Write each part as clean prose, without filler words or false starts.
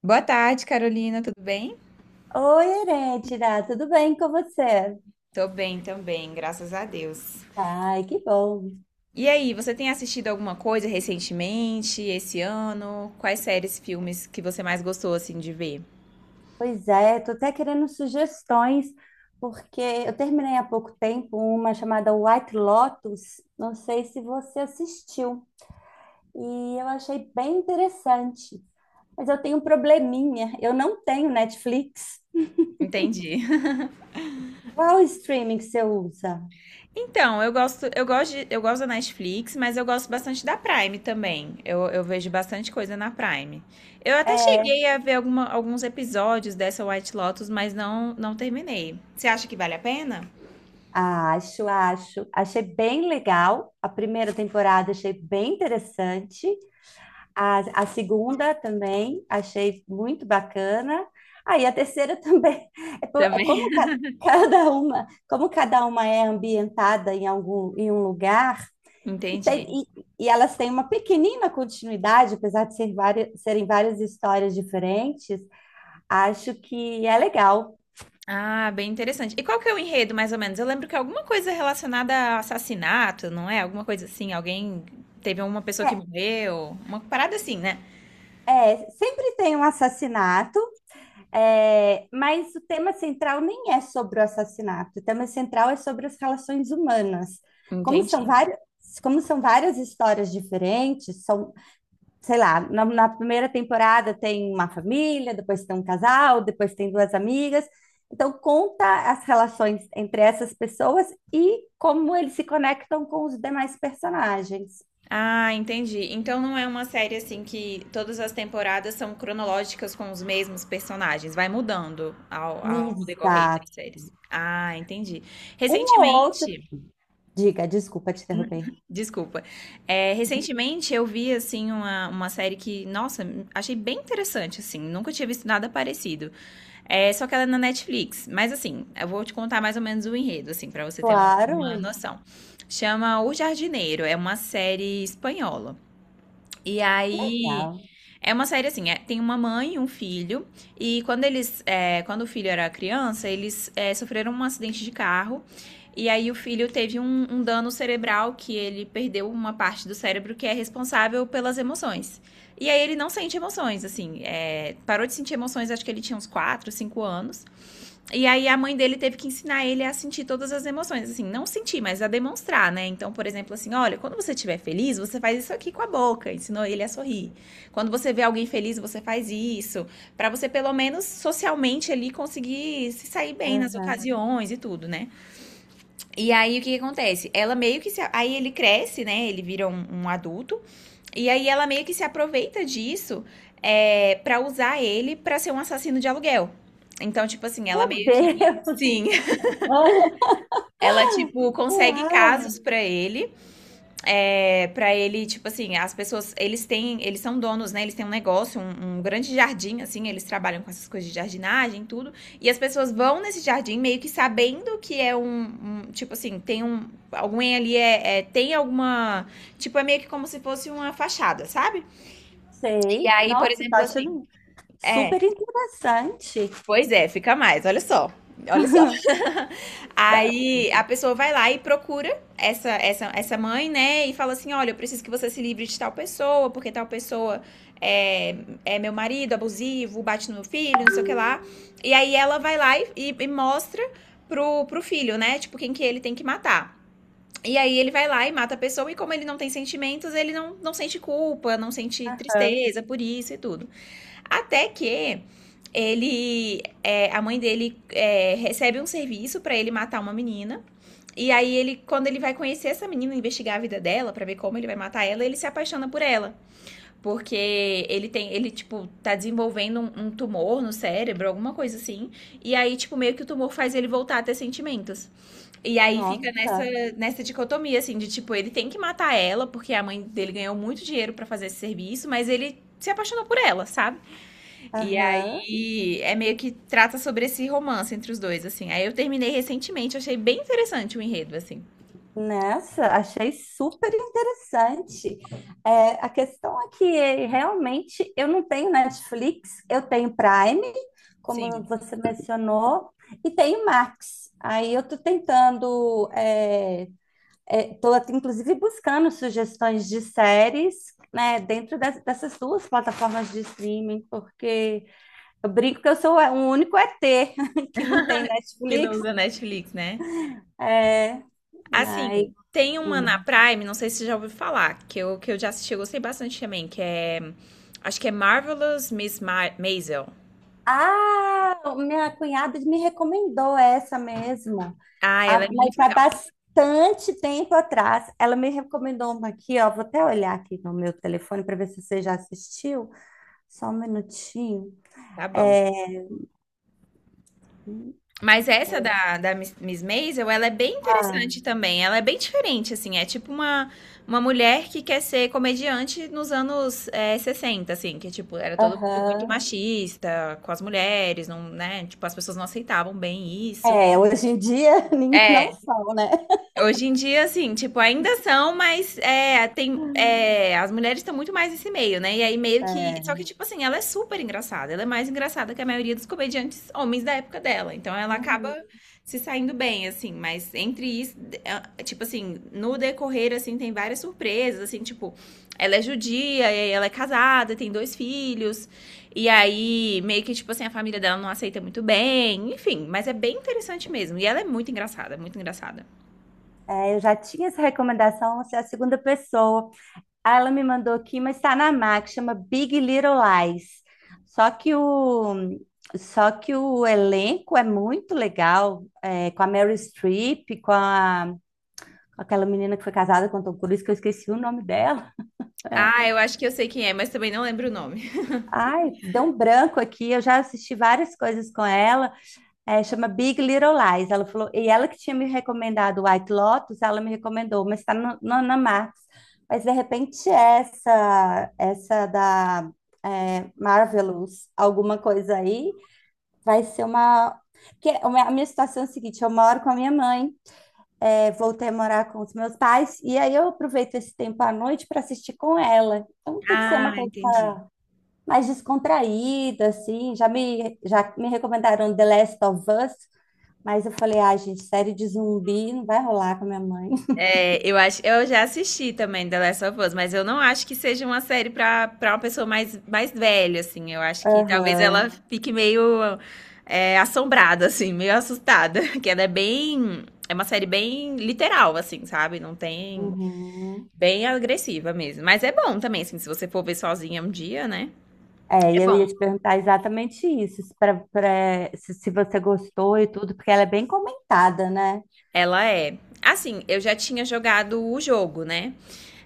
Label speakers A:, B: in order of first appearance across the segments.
A: Boa tarde, Carolina, tudo bem?
B: Oi, Herêntira, tudo bem com você?
A: Tô bem também, graças a Deus.
B: Ai, que bom.
A: E aí, você tem assistido alguma coisa recentemente, esse ano? Quais séries, filmes que você mais gostou assim de ver?
B: Pois é, tô até querendo sugestões, porque eu terminei há pouco tempo uma chamada White Lotus, não sei se você assistiu, e eu achei bem interessante. Mas eu tenho um probleminha, eu não tenho Netflix.
A: Entendi.
B: Qual streaming que você usa?
A: Então, eu gosto da Netflix, mas eu gosto bastante da Prime também. Eu vejo bastante coisa na Prime. Eu até
B: É,
A: cheguei a ver alguns episódios dessa White Lotus, mas não terminei. Você acha que vale a pena?
B: acho, acho. Achei bem legal. A primeira temporada achei bem interessante. A segunda também achei muito bacana. Aí a terceira também. É, é como
A: Também.
B: cada uma, como cada uma é ambientada em algum, em um lugar, e, tem,
A: Entendi.
B: e elas têm uma pequenina continuidade, apesar de ser várias, serem várias histórias diferentes, acho que é legal.
A: Ah, bem interessante. E qual que é o enredo, mais ou menos? Eu lembro que é alguma coisa relacionada a assassinato, não é? Alguma coisa assim, alguém teve uma pessoa que morreu, uma parada assim, né?
B: É, é, sempre tem um assassinato. É, mas o tema central nem é sobre o assassinato, o tema central é sobre as relações humanas. Como são
A: Entendi.
B: várias, como são várias histórias diferentes, são, sei lá, na primeira temporada tem uma família, depois tem um casal, depois tem duas amigas. Então, conta as relações entre essas pessoas e como eles se conectam com os demais personagens.
A: Ah, entendi. Então não é uma série assim que todas as temporadas são cronológicas com os mesmos personagens, vai mudando ao decorrer das
B: Exato.
A: séries. Ah, entendi.
B: Um ou outro.
A: Recentemente,
B: Diga, desculpa te interromper.
A: desculpa, recentemente eu vi assim uma série que, nossa, achei bem interessante assim, nunca tinha visto nada parecido. É, só que ela é na Netflix. Mas assim, eu vou te contar mais ou menos o enredo, assim, para você ter uma
B: Claro,
A: noção. Chama O Jardineiro, é uma série espanhola. E
B: que
A: aí
B: legal.
A: é uma série assim, tem uma mãe e um filho, e quando eles, quando o filho era criança, eles sofreram um acidente de carro, e aí o filho teve um dano cerebral que ele perdeu uma parte do cérebro que é responsável pelas emoções. E aí ele não sente emoções, assim, é, parou de sentir emoções, acho que ele tinha uns 4 5 anos. E aí a mãe dele teve que ensinar ele a sentir todas as emoções, assim, não sentir, mas a demonstrar, né? Então, por exemplo, assim, olha, quando você estiver feliz, você faz isso aqui com a boca, ensinou ele a sorrir. Quando você vê alguém feliz, você faz isso, para você pelo menos socialmente ali conseguir se sair bem nas
B: Aham.
A: ocasiões e tudo, né? E aí o que, que acontece? Ela meio que se. Aí ele cresce, né? Ele vira um adulto. E aí ela meio que se aproveita disso para usar ele pra ser um assassino de aluguel. Então, tipo assim, ela
B: Meu
A: meio que.
B: Deus!
A: Sim. Ela, tipo, consegue
B: Uau!
A: casos pra ele para ele, tipo assim, as pessoas, eles têm, eles são donos, né? Eles têm um negócio, um grande jardim, assim, eles trabalham com essas coisas de jardinagem e tudo. E as pessoas vão nesse jardim meio que sabendo que é um tipo assim, tem um, alguém ali tem alguma, tipo, é meio que como se fosse uma fachada, sabe? E
B: Sei.
A: aí, por
B: Nossa, tá
A: exemplo, assim,
B: achando
A: é,
B: super interessante.
A: pois é, fica mais, olha só, olha só. Aí a pessoa vai lá e procura essa mãe, né? E fala assim: olha, eu preciso que você se livre de tal pessoa, porque tal pessoa é, é meu marido abusivo, bate no meu filho, não sei o que lá. E aí ela vai lá e mostra pro, pro filho, né? Tipo, quem que ele tem que matar. E aí ele vai lá e mata a pessoa, e como ele não tem sentimentos, ele não sente culpa, não sente
B: Aham.
A: tristeza por isso e tudo. Até que ele, é, a mãe dele é, recebe um serviço pra ele matar uma menina. E aí ele, quando ele vai conhecer essa menina, investigar a vida dela pra ver como ele vai matar ela, ele se apaixona por ela, porque ele tem, ele tipo tá desenvolvendo um tumor no cérebro, alguma coisa assim. E aí tipo meio que o tumor faz ele voltar a ter sentimentos. E aí fica nessa
B: Nossa.
A: nessa dicotomia assim de tipo ele tem que matar ela porque a mãe dele ganhou muito dinheiro pra fazer esse serviço, mas ele se apaixonou por ela, sabe? E
B: Aham.
A: aí é meio que trata sobre esse romance entre os dois, assim. Aí eu terminei recentemente, achei bem interessante o enredo, assim.
B: Nessa, achei super interessante. É, a questão é que realmente eu não tenho Netflix, eu tenho Prime, como
A: Sim.
B: você mencionou, e tenho Max. Aí eu tô tentando, estou até inclusive buscando sugestões de séries, né, dentro dessas duas plataformas de streaming, porque eu brinco que eu sou o único ET que não tem
A: Que não
B: Netflix.
A: usa Netflix, né?
B: É, mas,
A: Assim, tem uma na
B: hum.
A: Prime, não sei se você já ouviu falar, que eu já assisti, eu gostei bastante também, que é. Acho que é Marvelous Miss Ma Maisel.
B: Ah, minha cunhada me recomendou essa mesmo.
A: Ah,
B: Ah,
A: ela é
B: mas
A: muito
B: há
A: legal.
B: bastante tempo atrás. Ela me recomendou uma aqui, ó. Vou até olhar aqui no meu telefone para ver se você já assistiu. Só um minutinho.
A: Tá bom.
B: É,
A: Mas essa da Miss Maisel, ela é bem interessante
B: ah,
A: também. Ela é bem diferente, assim. É tipo uma mulher que quer ser comediante nos anos 60, assim. Que, tipo, era todo mundo muito
B: Aham.
A: machista com as mulheres, não, né? Tipo, as pessoas não aceitavam bem isso.
B: É, hoje em dia
A: É,
B: não são, né?
A: hoje em dia, assim, tipo, ainda são, mas é, tem, é, as mulheres estão muito mais nesse meio, né? E aí meio que. Só que,
B: É.
A: tipo assim, ela é super engraçada. Ela é mais engraçada que a maioria dos comediantes homens da época dela. Então ela acaba
B: Uhum.
A: se saindo bem, assim. Mas entre isso, tipo assim, no decorrer, assim, tem várias surpresas, assim, tipo, ela é judia, e aí ela é casada, tem dois filhos. E aí, meio que, tipo assim, a família dela não aceita muito bem, enfim, mas é bem interessante mesmo. E ela é muito engraçada, muito engraçada.
B: É, eu já tinha essa recomendação, você é a segunda pessoa. Aí ela me mandou aqui, mas está na Max, chama Big Little Lies. Só que o, só que o elenco é muito legal, é, com a Meryl Streep, com aquela menina que foi casada com o Tom Cruise, que eu esqueci o nome dela. É.
A: Ah, eu acho que eu sei quem é, mas também não lembro o nome.
B: Ai, deu um branco aqui, eu já assisti várias coisas com ela. É, chama Big Little Lies. Ela falou, e ela que tinha me recomendado White Lotus, ela me recomendou, mas está no, no, na Max. Mas de repente essa, essa da é, Marvelous, alguma coisa aí, vai ser uma. Porque a minha situação é a seguinte: eu moro com a minha mãe, é, voltei a morar com os meus pais, e aí eu aproveito esse tempo à noite para assistir com ela. Então tem que ser
A: Ah,
B: uma coisa
A: entendi.
B: mais descontraída, assim. Já me recomendaram The Last of Us. Mas eu falei, ah, gente, série de zumbi não vai rolar com a minha mãe.
A: É, eu acho, eu já assisti também The Last of Us, mas eu não acho que seja uma série para para uma pessoa mais, mais velha, assim. Eu acho que talvez
B: Aham,
A: ela fique meio assombrada, assim, meio assustada, que ela é bem, é uma série bem literal, assim, sabe? Não tem,
B: uhum.
A: bem agressiva mesmo. Mas é bom também, assim, se você for ver sozinha um dia, né?
B: É, e
A: É
B: eu ia
A: bom.
B: te perguntar exatamente isso, se, se, se você gostou e tudo, porque ela é bem comentada, né?
A: Ela é. Assim, eu já tinha jogado o jogo, né?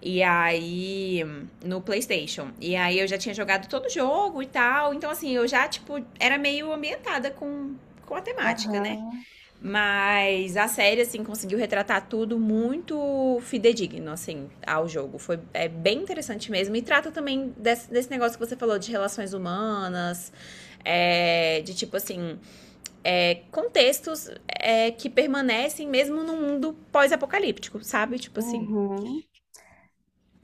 A: E aí, no PlayStation. E aí eu já tinha jogado todo o jogo e tal. Então, assim, eu já, tipo, era meio ambientada com a temática, né?
B: Aham,
A: Mas a série, assim, conseguiu retratar tudo muito fidedigno, assim, ao jogo. Foi é bem interessante mesmo. E trata também desse negócio que você falou de relações humanas. De tipo assim, contextos que permanecem mesmo num mundo pós-apocalíptico, sabe? Tipo assim,
B: uhum.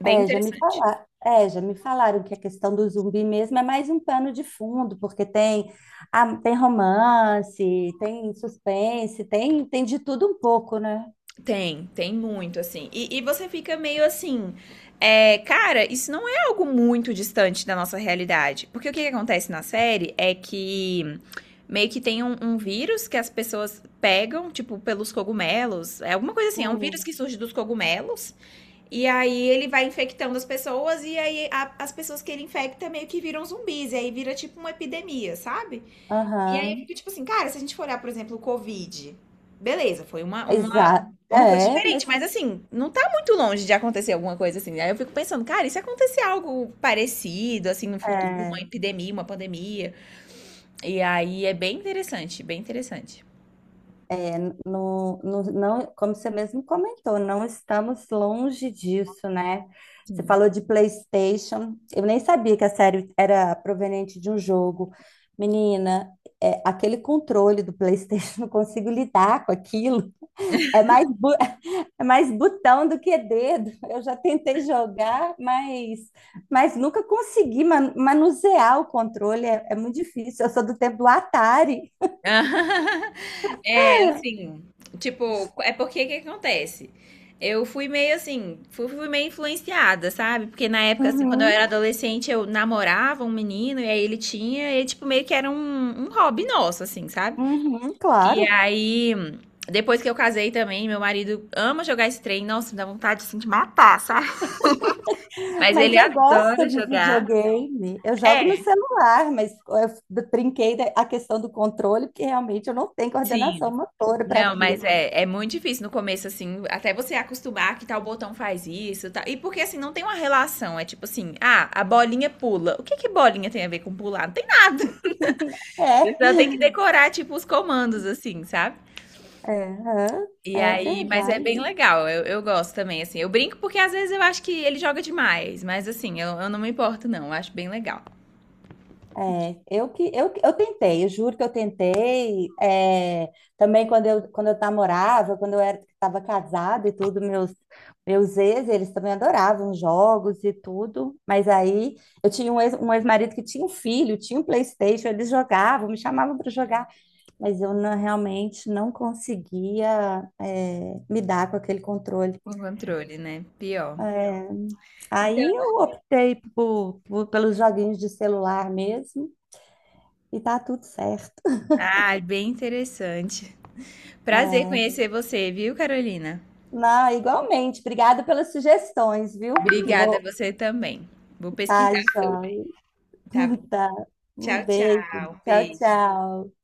A: bem interessante.
B: É, já me falaram que a questão do zumbi mesmo é mais um pano de fundo, porque tem, ah, tem romance, tem suspense, tem, tem de tudo um pouco, né?
A: Tem, tem muito, assim. E você fica meio assim. É, cara, isso não é algo muito distante da nossa realidade. Porque o que, que acontece na série é que meio que tem um vírus que as pessoas pegam, tipo, pelos cogumelos. É alguma coisa assim, é um vírus que
B: Hum.
A: surge dos cogumelos. E aí ele vai infectando as pessoas, e aí as pessoas que ele infecta meio que viram zumbis. E aí vira tipo uma epidemia, sabe? E aí eu
B: Aham.
A: fico tipo assim, cara, se a gente for olhar, por exemplo, o Covid, beleza, foi
B: Exato.
A: uma coisa
B: É,
A: diferente,
B: mas
A: mas assim, não tá muito longe de acontecer alguma coisa assim. Aí eu fico pensando, cara, e se acontecer algo parecido, assim, no futuro, uma
B: é.
A: epidemia, uma pandemia? E aí é bem interessante, bem interessante.
B: Não, como você mesmo comentou, não estamos longe disso, né? Você falou de PlayStation. Eu nem sabia que a série era proveniente de um jogo. Menina, é, aquele controle do PlayStation, não consigo lidar com aquilo. É mais, bu- é mais botão do que dedo. Eu já tentei jogar, mas nunca consegui manusear o controle. É, é muito difícil. Eu sou do tempo do Atari.
A: É, assim, tipo, é porque que acontece? Eu fui meio assim, fui meio influenciada, sabe? Porque na época, assim, quando eu
B: Uhum,
A: era adolescente, eu namorava um menino e aí ele tinha, e tipo, meio que era um hobby nosso, assim, sabe?
B: uhum,
A: E
B: claro.
A: aí, depois que eu casei também, meu marido ama jogar esse trem, nossa, me dá vontade, assim, de matar, sabe? Mas
B: Mas
A: ele
B: eu gosto
A: adora
B: de
A: jogar.
B: videogame. Eu
A: É,
B: jogo no celular, mas eu a questão do controle, porque realmente eu não tenho
A: sim.
B: coordenação motora para
A: Não, mas
B: aquilo.
A: é muito difícil no começo, assim, até você acostumar que tal botão faz isso, tal. E porque, assim, não tem uma relação. É tipo assim, ah, a bolinha pula. O que que bolinha tem a ver com pular? Não tem nada.
B: É,
A: Então tem que decorar, tipo, os comandos, assim, sabe?
B: é, aham,
A: E
B: é
A: aí, mas é bem
B: verdade.
A: legal. Eu gosto também, assim. Eu brinco porque às vezes eu acho que ele joga demais. Mas, assim, eu não me importo, não. Eu acho bem legal.
B: É, eu tentei, eu juro que eu tentei. É, também quando eu namorava, quando eu era estava casada e tudo, meus ex, eles também adoravam jogos e tudo. Mas aí eu tinha um ex, um ex-marido que tinha um filho, tinha um PlayStation, eles jogavam, me chamavam para jogar, mas eu não- realmente não conseguia é, me dar com aquele controle.
A: O controle, né? Pior.
B: É,
A: Então,
B: aí eu optei pelos joguinhos de celular mesmo e tá tudo certo.
A: ah, bem interessante. Prazer
B: É.
A: conhecer você, viu, Carolina?
B: Não, igualmente. Obrigada pelas sugestões, viu?
A: Obrigada,
B: Vou.
A: você também. Vou
B: Tá,
A: pesquisar sobre.
B: Jó.
A: Tá bom.
B: Tá. Um
A: Tchau,
B: beijo.
A: tchau.
B: Tchau,
A: Beijo.
B: tchau.